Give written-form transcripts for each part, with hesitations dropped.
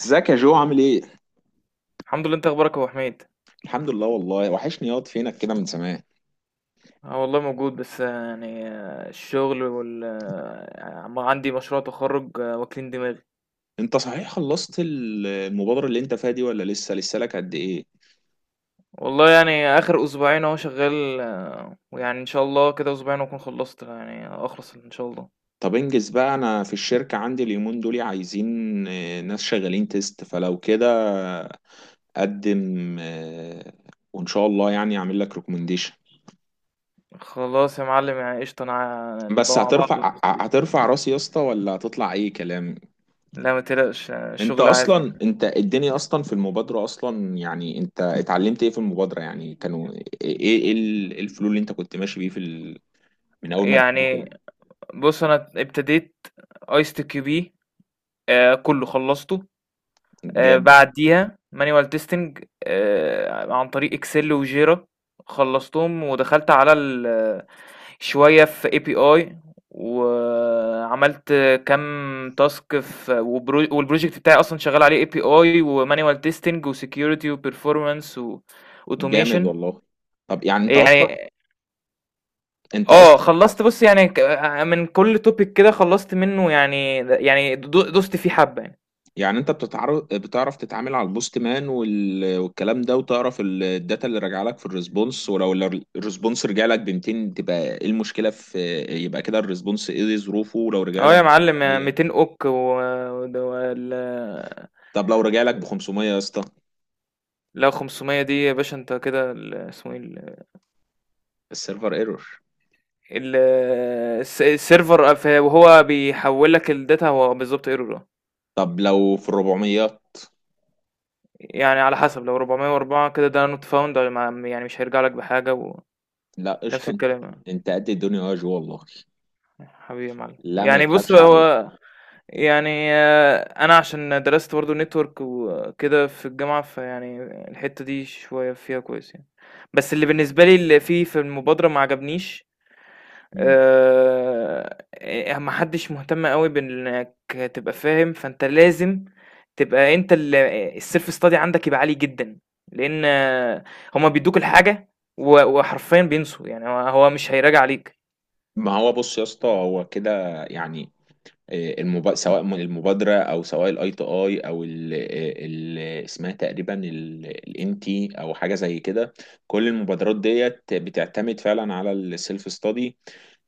ازيك يا جو عامل ايه؟ الحمد لله. انت اخبارك يا ابو حميد؟ الحمد لله والله وحشني ياض، فينك كده من زمان. اه والله موجود، بس الشغل عندي مشروع تخرج، واكلين دماغي. انت صحيح خلصت المبادرة اللي انت فيها دي، ولا لسه لك قد ايه؟ والله يعني اخر اسبوعين اهو شغال، ويعني ان شاء الله كده اسبوعين واكون خلصت، يعني اخلص ان شاء الله. طب انجز بقى. انا في الشركة عندي اليومين دول عايزين، ناس شغالين تيست فلو كده. قدم، وان شاء الله يعني اعمل لك ريكومنديشن. خلاص يا معلم، يعني قشطه، انا نبقى بس مع بعض. هترفع هترفع راسي يا اسطى، ولا هتطلع اي كلام؟ لا ما تقلقش، انت الشغل عالي. اصلا، انت الدنيا اصلا في المبادرة اصلا، يعني انت اتعلمت ايه في المبادرة؟ يعني كانوا ايه؟ إيه الفلو اللي انت كنت ماشي بيه في ال... من اول ما دخلت يعني ال-. بص، انا ابتديت ايست كيو بي، كله خلصته. جامد. بعديها مانيوال تيستنج عن طريق اكسل وجيرا، خلصتهم ودخلت على شوية في اي بي اي، وعملت كام تاسك في والبروجكت بتاعي اصلا شغال عليه اي بي اي ومانيوال تيستنج وسكيورتي وبرفورمانس جامد واوتوميشن. والله. طب يعني انت اصلا يعني انت اه، اصلا خلصت، بص يعني من كل توبيك كده خلصت منه، يعني دوست فيه حبة يعني. يعني انت بتعرف تتعامل على البوست مان، وال... والكلام ده، وتعرف الداتا اللي راجع لك في الريسبونس. ولو الريسبونس رجع لك ب 200، تبقى ايه المشكلة في؟ يبقى كده الريسبونس ايه ظروفه؟ ولو رجع اه لك يا معلم، ب-، 200 اوك، و... وال- طب لو رجع لك ب 500 يا اسطى؟ لا، 500 دي يا باشا، انت كده اسمه ايه السيرفر ايرور. ال- السيرفر، وهو بيحول لك الداتا، هو بالظبط ايرور. طب لو في الربعميات؟ يعني على حسب، لو 404 كده ده نوت فاوند، يعني مش هيرجع لك بحاجة، لا ونفس قشطة. انت الكلام يعني. انت قد الدنيا يا جو والله. حبيبي يا معلم، لا ما يعني بص يتخافش عليه. هو، يعني آه، انا عشان درست برضه نتورك وكده في الجامعة، فيعني الحتة دي شوية فيها كويس يعني. بس اللي بالنسبة لي اللي فيه في المبادرة ما عجبنيش. مم. ما حدش مهتم أوي بإنك تبقى فاهم، فأنت لازم تبقى أنت الself study عندك يبقى عالي جدًا، لإن هُم بيدّوك الحاجة، و وحرفيًا بينسوا، يعني هو مش هيراجع عليك. ما هو بص يا اسطى، هو كده يعني. المب... سواء من المبادرة او سواء الاي تي اي او ال... ال... اسمها تقريبا الان تي او، حاجة زي كده. كل المبادرات ديت بتعتمد فعلا على السيلف ستادي.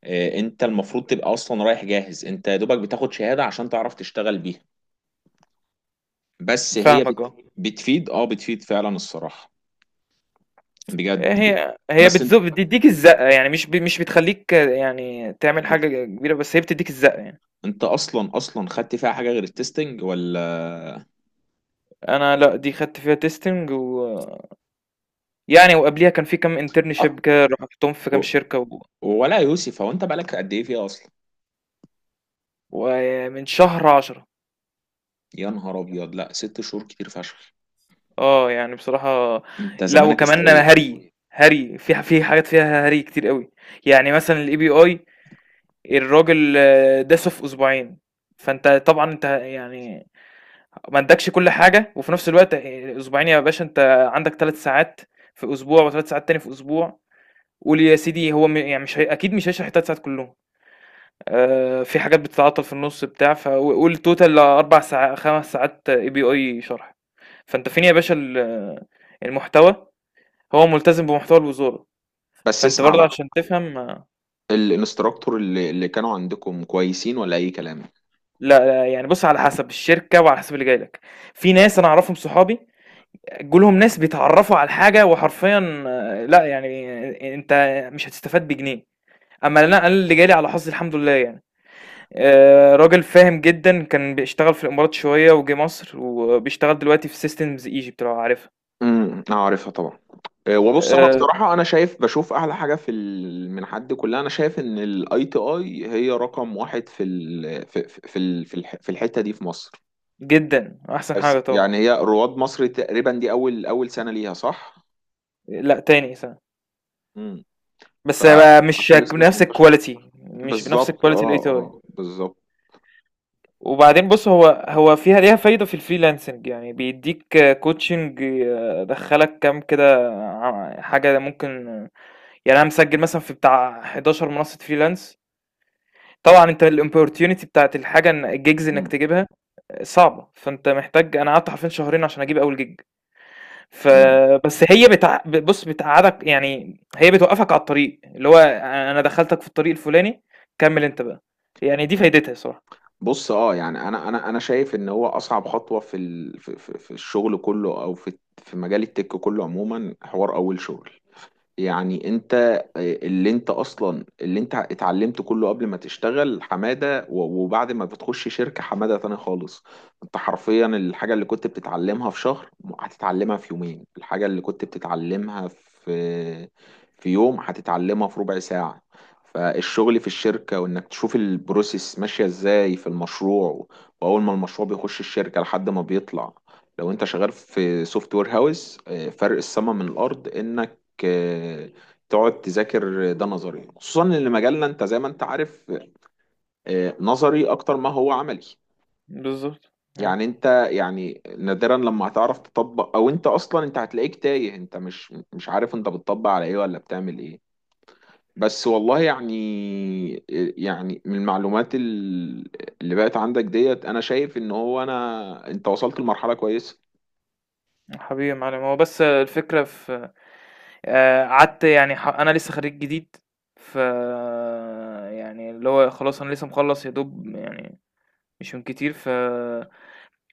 انت المفروض تبقى اصلا رايح جاهز. انت يا دوبك بتاخد شهادة عشان تعرف تشتغل بيها. بس هي فاهمك، بت... بتفيد فعلا الصراحة، بجد. هي بس انت بتدّيك الزقة، يعني مش بتخلّيك، يعني تعمل حاجة كبيرة، بس هي بتدّيك الزقة يعني. انت اصلا اصلا خدت فيها حاجه غير التستنج، ولا؟ أنا لأ، دي خدت فيها testing و، يعني وقبليها كان في كام أ- internship كده، رُحتهم في كام و- شركة، و ولا يا يوسف، هو انت بقالك قد ايه فيها اصلا؟ ومن شهر 10. يا نهار ابيض، لا 6 شهور كتير فشخ. يعني بصراحة، انت لأ زمانك وكمان استويت. هري، هري في في حاجات فيها هري كتير أوي، يعني مثلًا الAPI، الراجل، داسه في أسبوعين، فأنت طبعًا أنت يعني ما ادّاكش كل حاجة، وفي نفس الوقت، أسبوعين يا باشا، أنت عندك 3 ساعات في أسبوع و3 ساعات تاني في أسبوع، قُل يا سيدي، هو يعني مش هي، أكيد مش هيشرح ال3 ساعات كلّهم، في حاجات بتتعطل في النُص بتاع و قُل total 4 ساع 5 ساعات API شرح. فأنت فين يا باشا المحتوى؟ هو ملتزم بمحتوى الوزارة، بس فأنت اسمع برضه بقى. عشان تفهم. الانستراكتور اللي كانوا عندكم كويسين، ولا اي كلام؟ لا، لا يعني بُص، على حسب الشركة وعلى حسب اللي جاي لك، في ناس أنا أعرفهم صحابي جُه لهم ناس بيتعرّفوا على الحاجة، وحرفيًا، لأ، يعني أنت مش هتستفاد بجنيه. أمّا لأ، أنا اللي جه لي على حظي الحمد لله يعني، راجل فاهم جدًا، كان بيشتغل في الإمارات شوية وجه مصر وبيشتغل دلوقتي في systems Egypt لو عارفها، انا عارفها طبعا. اه، وبص انا آآ بصراحه، انا شايف، بشوف اعلى حاجه في من حد كلها، انا شايف ان الاي تي اي هي رقم واحد في ال في في في ال- في الح- في الحته دي في مصر. جدًا، أحسن بس حاجة طبعًا. يعني هي رواد مصر تقريبا، دي اول سنه ليها، صح؟ لأ تاني سنة، امم بس بقى مش فعشان لسه مش بنفس منتشر. الquality، مش بنفس بالظبط، الquality اه، اه، الATI. بالظبط. وبعدين بص، هو فيها ليها فايدة في الفريلانسنج، يعني بيديك كوتشنج، دخلك كام كده، حاجة ممكن. يعني أنا مسجل مثلا في بتاع 11 منصة فريلانس. طبعا انت الاوبورتيونيتي بتاعت الحاجة ان الجيجز انك مم. تجيبها صعبة، فانت محتاج، انا قعدت حرفيا شهرين عشان اجيب اول جيج. مم. بص، بتقعدك يعني، هي بتوقفك على الطريق اللي هو انا دخلتك في الطريق الفلاني، كمل انت بقى. يعني دي فايدتها صراحة. بص، اه يعني انا شايف ان هو اصعب خطوه في ال... في الشغل كله، او في مجال التك كله عموما، حوار اول شغل. يعني انت اللي، انت اصلا اللي انت اتعلمته كله قبل ما تشتغل حمادة، وبعد ما بتخش شركة حمادة تاني خالص. انت حرفيا الحاجة اللي كنت بتتعلمها في شهر، هتتعلمها في يومين. الحاجة اللي كنت بتتعلمها في يوم، هتتعلمها في ربع ساعة. فالشغل في الشركة، وانك تشوف البروسيس ماشية ازاي في المشروع، واول ما المشروع بيخش الشركة لحد ما بيطلع، لو انت شغال في سوفت وير هاوس، فرق السما من الارض. انك آه، تقعد تذاكر، ده نظري، خصوصا ان مجالنا، انت زي ما انت عارف، نظري اكتر ما هو عملي. بالظبط. يعني انت يعني نادرا لما هتعرف تطبق، او انت اصلا انت هتلاقيك تايه. انت مش عارف انت بتطبق على ايه، ولا بتعمل ايه. بس والله يعني، يعني من المعلومات اللي بقت عندك ديت، انا شايف ان هو، انا انت وصلت لمرحلة كويسة. حبيبي يا معلم، هو بس الفكرة في، قعدت يعني أنا لسه خريج جديد، ف يعني اللي هو خلاص، أنا لسه مخلص يا دوب، يعني مش من كتير، ف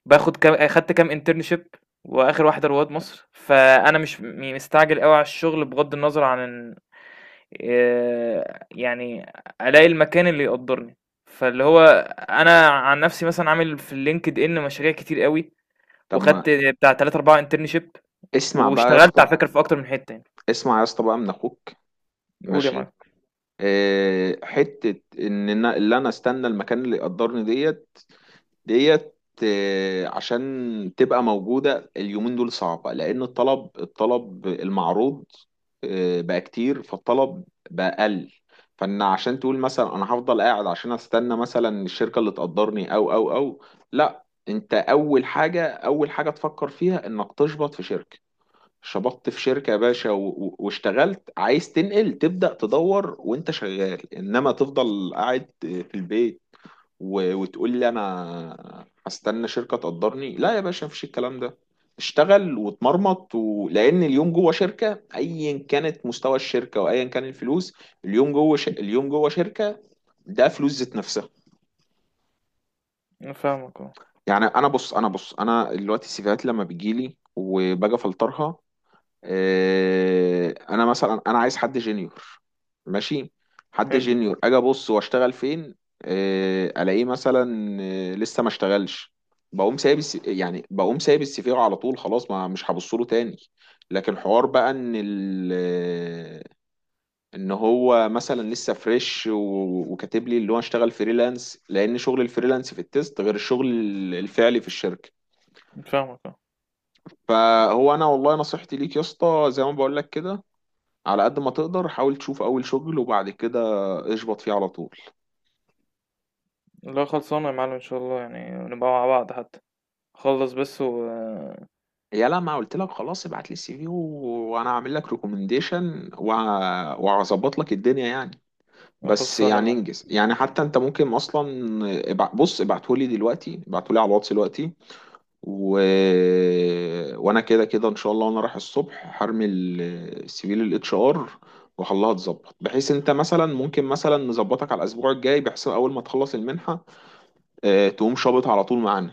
باخد كام خدت كام انترنشيب، وآخر واحدة رواد مصر، فأنا مش يعني مستعجل قوي على الشغل، بغض النظر عن إن- يعني ألاقي المكان اللي يقدرني، فاللي هو أنا عن نفسي مثلا عامل في اللينكد إن مشاريع كتير قوي، طب وخدت ما بتاع 3 4 انترنشيب، اسمع بقى يا واشتغلت اسطى على فكرة في أكتر من حتة. اسمع يا اسطى بقى، من اخوك. قول يا ماشي. معلم. حتة إن أنا اللي أنا أستنى المكان اللي يقدرني ديت. عشان تبقى موجودة اليومين دول صعبة، لأن الطلب المعروض، بقى كتير، فالطلب بقى قل. فإن عشان تقول مثلا أنا هفضل قاعد عشان أستنى مثلا الشركة اللي تقدرني، أو لا، أنت أول حاجة، أول حاجة تفكر فيها إنك تشبط في شركة. شبطت في شركة يا باشا، واشتغلت، عايز تنقل، تبدأ تدور وانت شغال، انما تفضل قاعد في البيت وتقول لي انا هستنى شركة تقدرني؟ لا يا باشا، مفيش الكلام ده. اشتغل واتمرمط، و... لان اليوم جوه شركة، ايا كانت مستوى الشركة وايا كان الفلوس، اليوم جوه ش... اليوم جوه شركة، ده فلوس ذات نفسها. أنا فاهمك، اه. يعني انا انا دلوقتي السيفيهات لما بتجيلي، وباجي افلترها، انا مثلا انا عايز حد جينيور، ماشي. حد حلو. جينيور، اجي ابص واشتغل فين؟ الاقيه مثلا لسه ما اشتغلش، بقوم سايب الس... يعني بقوم سايب السي في على طول. خلاص، ما مش هبص له تاني. لكن حوار بقى ان ال... ان هو مثلا لسه فريش و... وكاتب لي اللي هو اشتغل فريلانس. لان شغل الفريلانس في التيست غير الشغل الفعلي في الشركة. فاهمك، اه. فهو انا والله نصيحتي ليك يا اسطى، زي ما بقول لك كده، على قد ما تقدر حاول تشوف اول شغل، وبعد كده اشبط فيه على طول. لا خلصانة يا معلم، ان شاء الله يعني نبقى مع بعض حتى، خلص بس و، يا لا، ما قلت لك خلاص، ابعت لي السي في، وانا هعمل لك ريكومنديشن، وهظبط لك الدنيا يعني. بس خلصانة يا يعني معلم. انجز، يعني حتى انت ممكن اصلا بص، ابعته لي دلوقتي، ابعته لي على الواتس دلوقتي. و... وانا كده كده ان شاء الله، وانا رايح الصبح هرمي السي في للاتش ار. وخليها تظبط، بحيث انت مثلا ممكن مثلا نظبطك على الاسبوع الجاي، بحيث اول ما تخلص المنحه، تقوم شابط على طول معانا.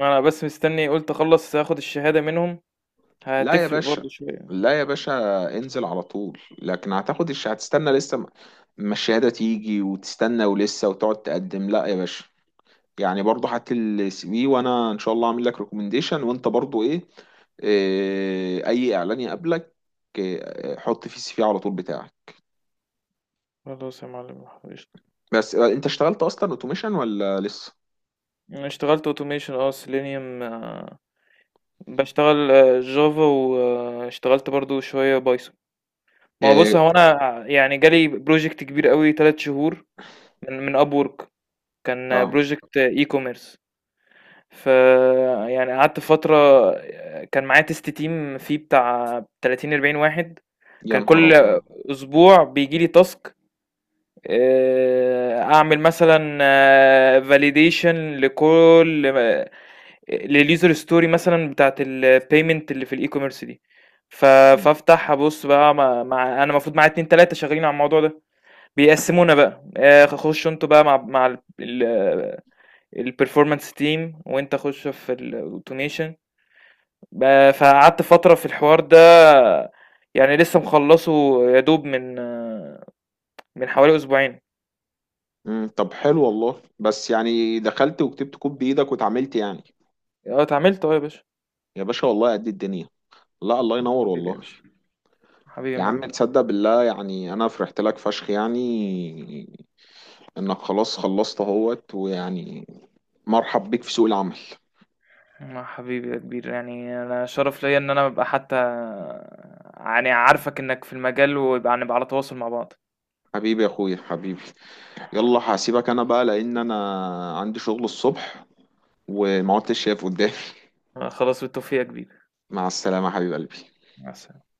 انا بس مستني، قلت اخلص اخد الشهادة منهم، لا يا هتفرق باشا، برضه شوية. لا يا باشا، انزل على طول. لكن هتاخد الش... هتستنى لسه، ما ما الشهادة تيجي وتستنى، ولسه وتقعد تقدم؟ لا يا باشا. يعني برضه هات لي السي في، وانا ان شاء الله هعمل لك ريكومنديشن. وانت برضه ايه، إيه اي اعلان يقابلك، إيه، حط فيه السي في على طول بتاعك. خلاص يا معلم، قشطة. بس انت اشتغلت اصلا اوتوميشن، ولا لسه؟ انا اشتغلت اوتوميشن، اه سيلينيوم، بشتغل جافا، واشتغلت برضه شوية بايثون. ما هو بص، هو إيه، انا يعني جالي بروجكت كبير قوي، تلات شهور، من اب وورك، كان اه، بروجكت اي كوميرس. فيعني قعدت فترة، كان معايا تيست تيم فيه بتاع 30 40 واحد. يا كان نهار كل ابيض. اسبوع بيجي لي تاسك، اعمل مثلا فاليديشن لكل، لليوزر ستوري مثلا بتاعت البيمنت اللي في الاي كوميرس دي. ف- مم. فافتح ابص بقى مع، انا المفروض معايا اتنين تلاته شغالين على الموضوع ده، بيقسمونا بقى، خشوا انتوا بقى مع البرفورمانس تيم، وانت خش في الاوتوميشن. فقعدت فترة في الحوار ده، يعني لسه مخلصه يا دوب من حوالي اسبوعين. مم، طب حلو والله. بس يعني دخلت وكتبت كود بايدك واتعاملت يعني؟ اه اتعاملت، اه يا باشا. يا باشا والله، قد الدنيا. لا، الله ينور حبيبي يا والله. باشا، حبيبي يا يا معلم. عم تصدق بالله، يعني انا فرحت لك فشخ، يعني انك خلاص خلصت اهوت، ويعني مرحب بيك في سوق العمل. حبيبي يا كبير، يعني انا شرف ليا ان انا ابقى حتى، يعني عارفك انك في المجال، ويبقى على تواصل مع بعض. حبيبي يا اخويا، حبيبي. يلا هسيبك انا بقى، لان انا عندي شغل الصبح، وما عدتش شايف قدامي. خلاص، بالتوفيق يا كبير. مع السلامة يا حبيب قلبي. مع السلامة.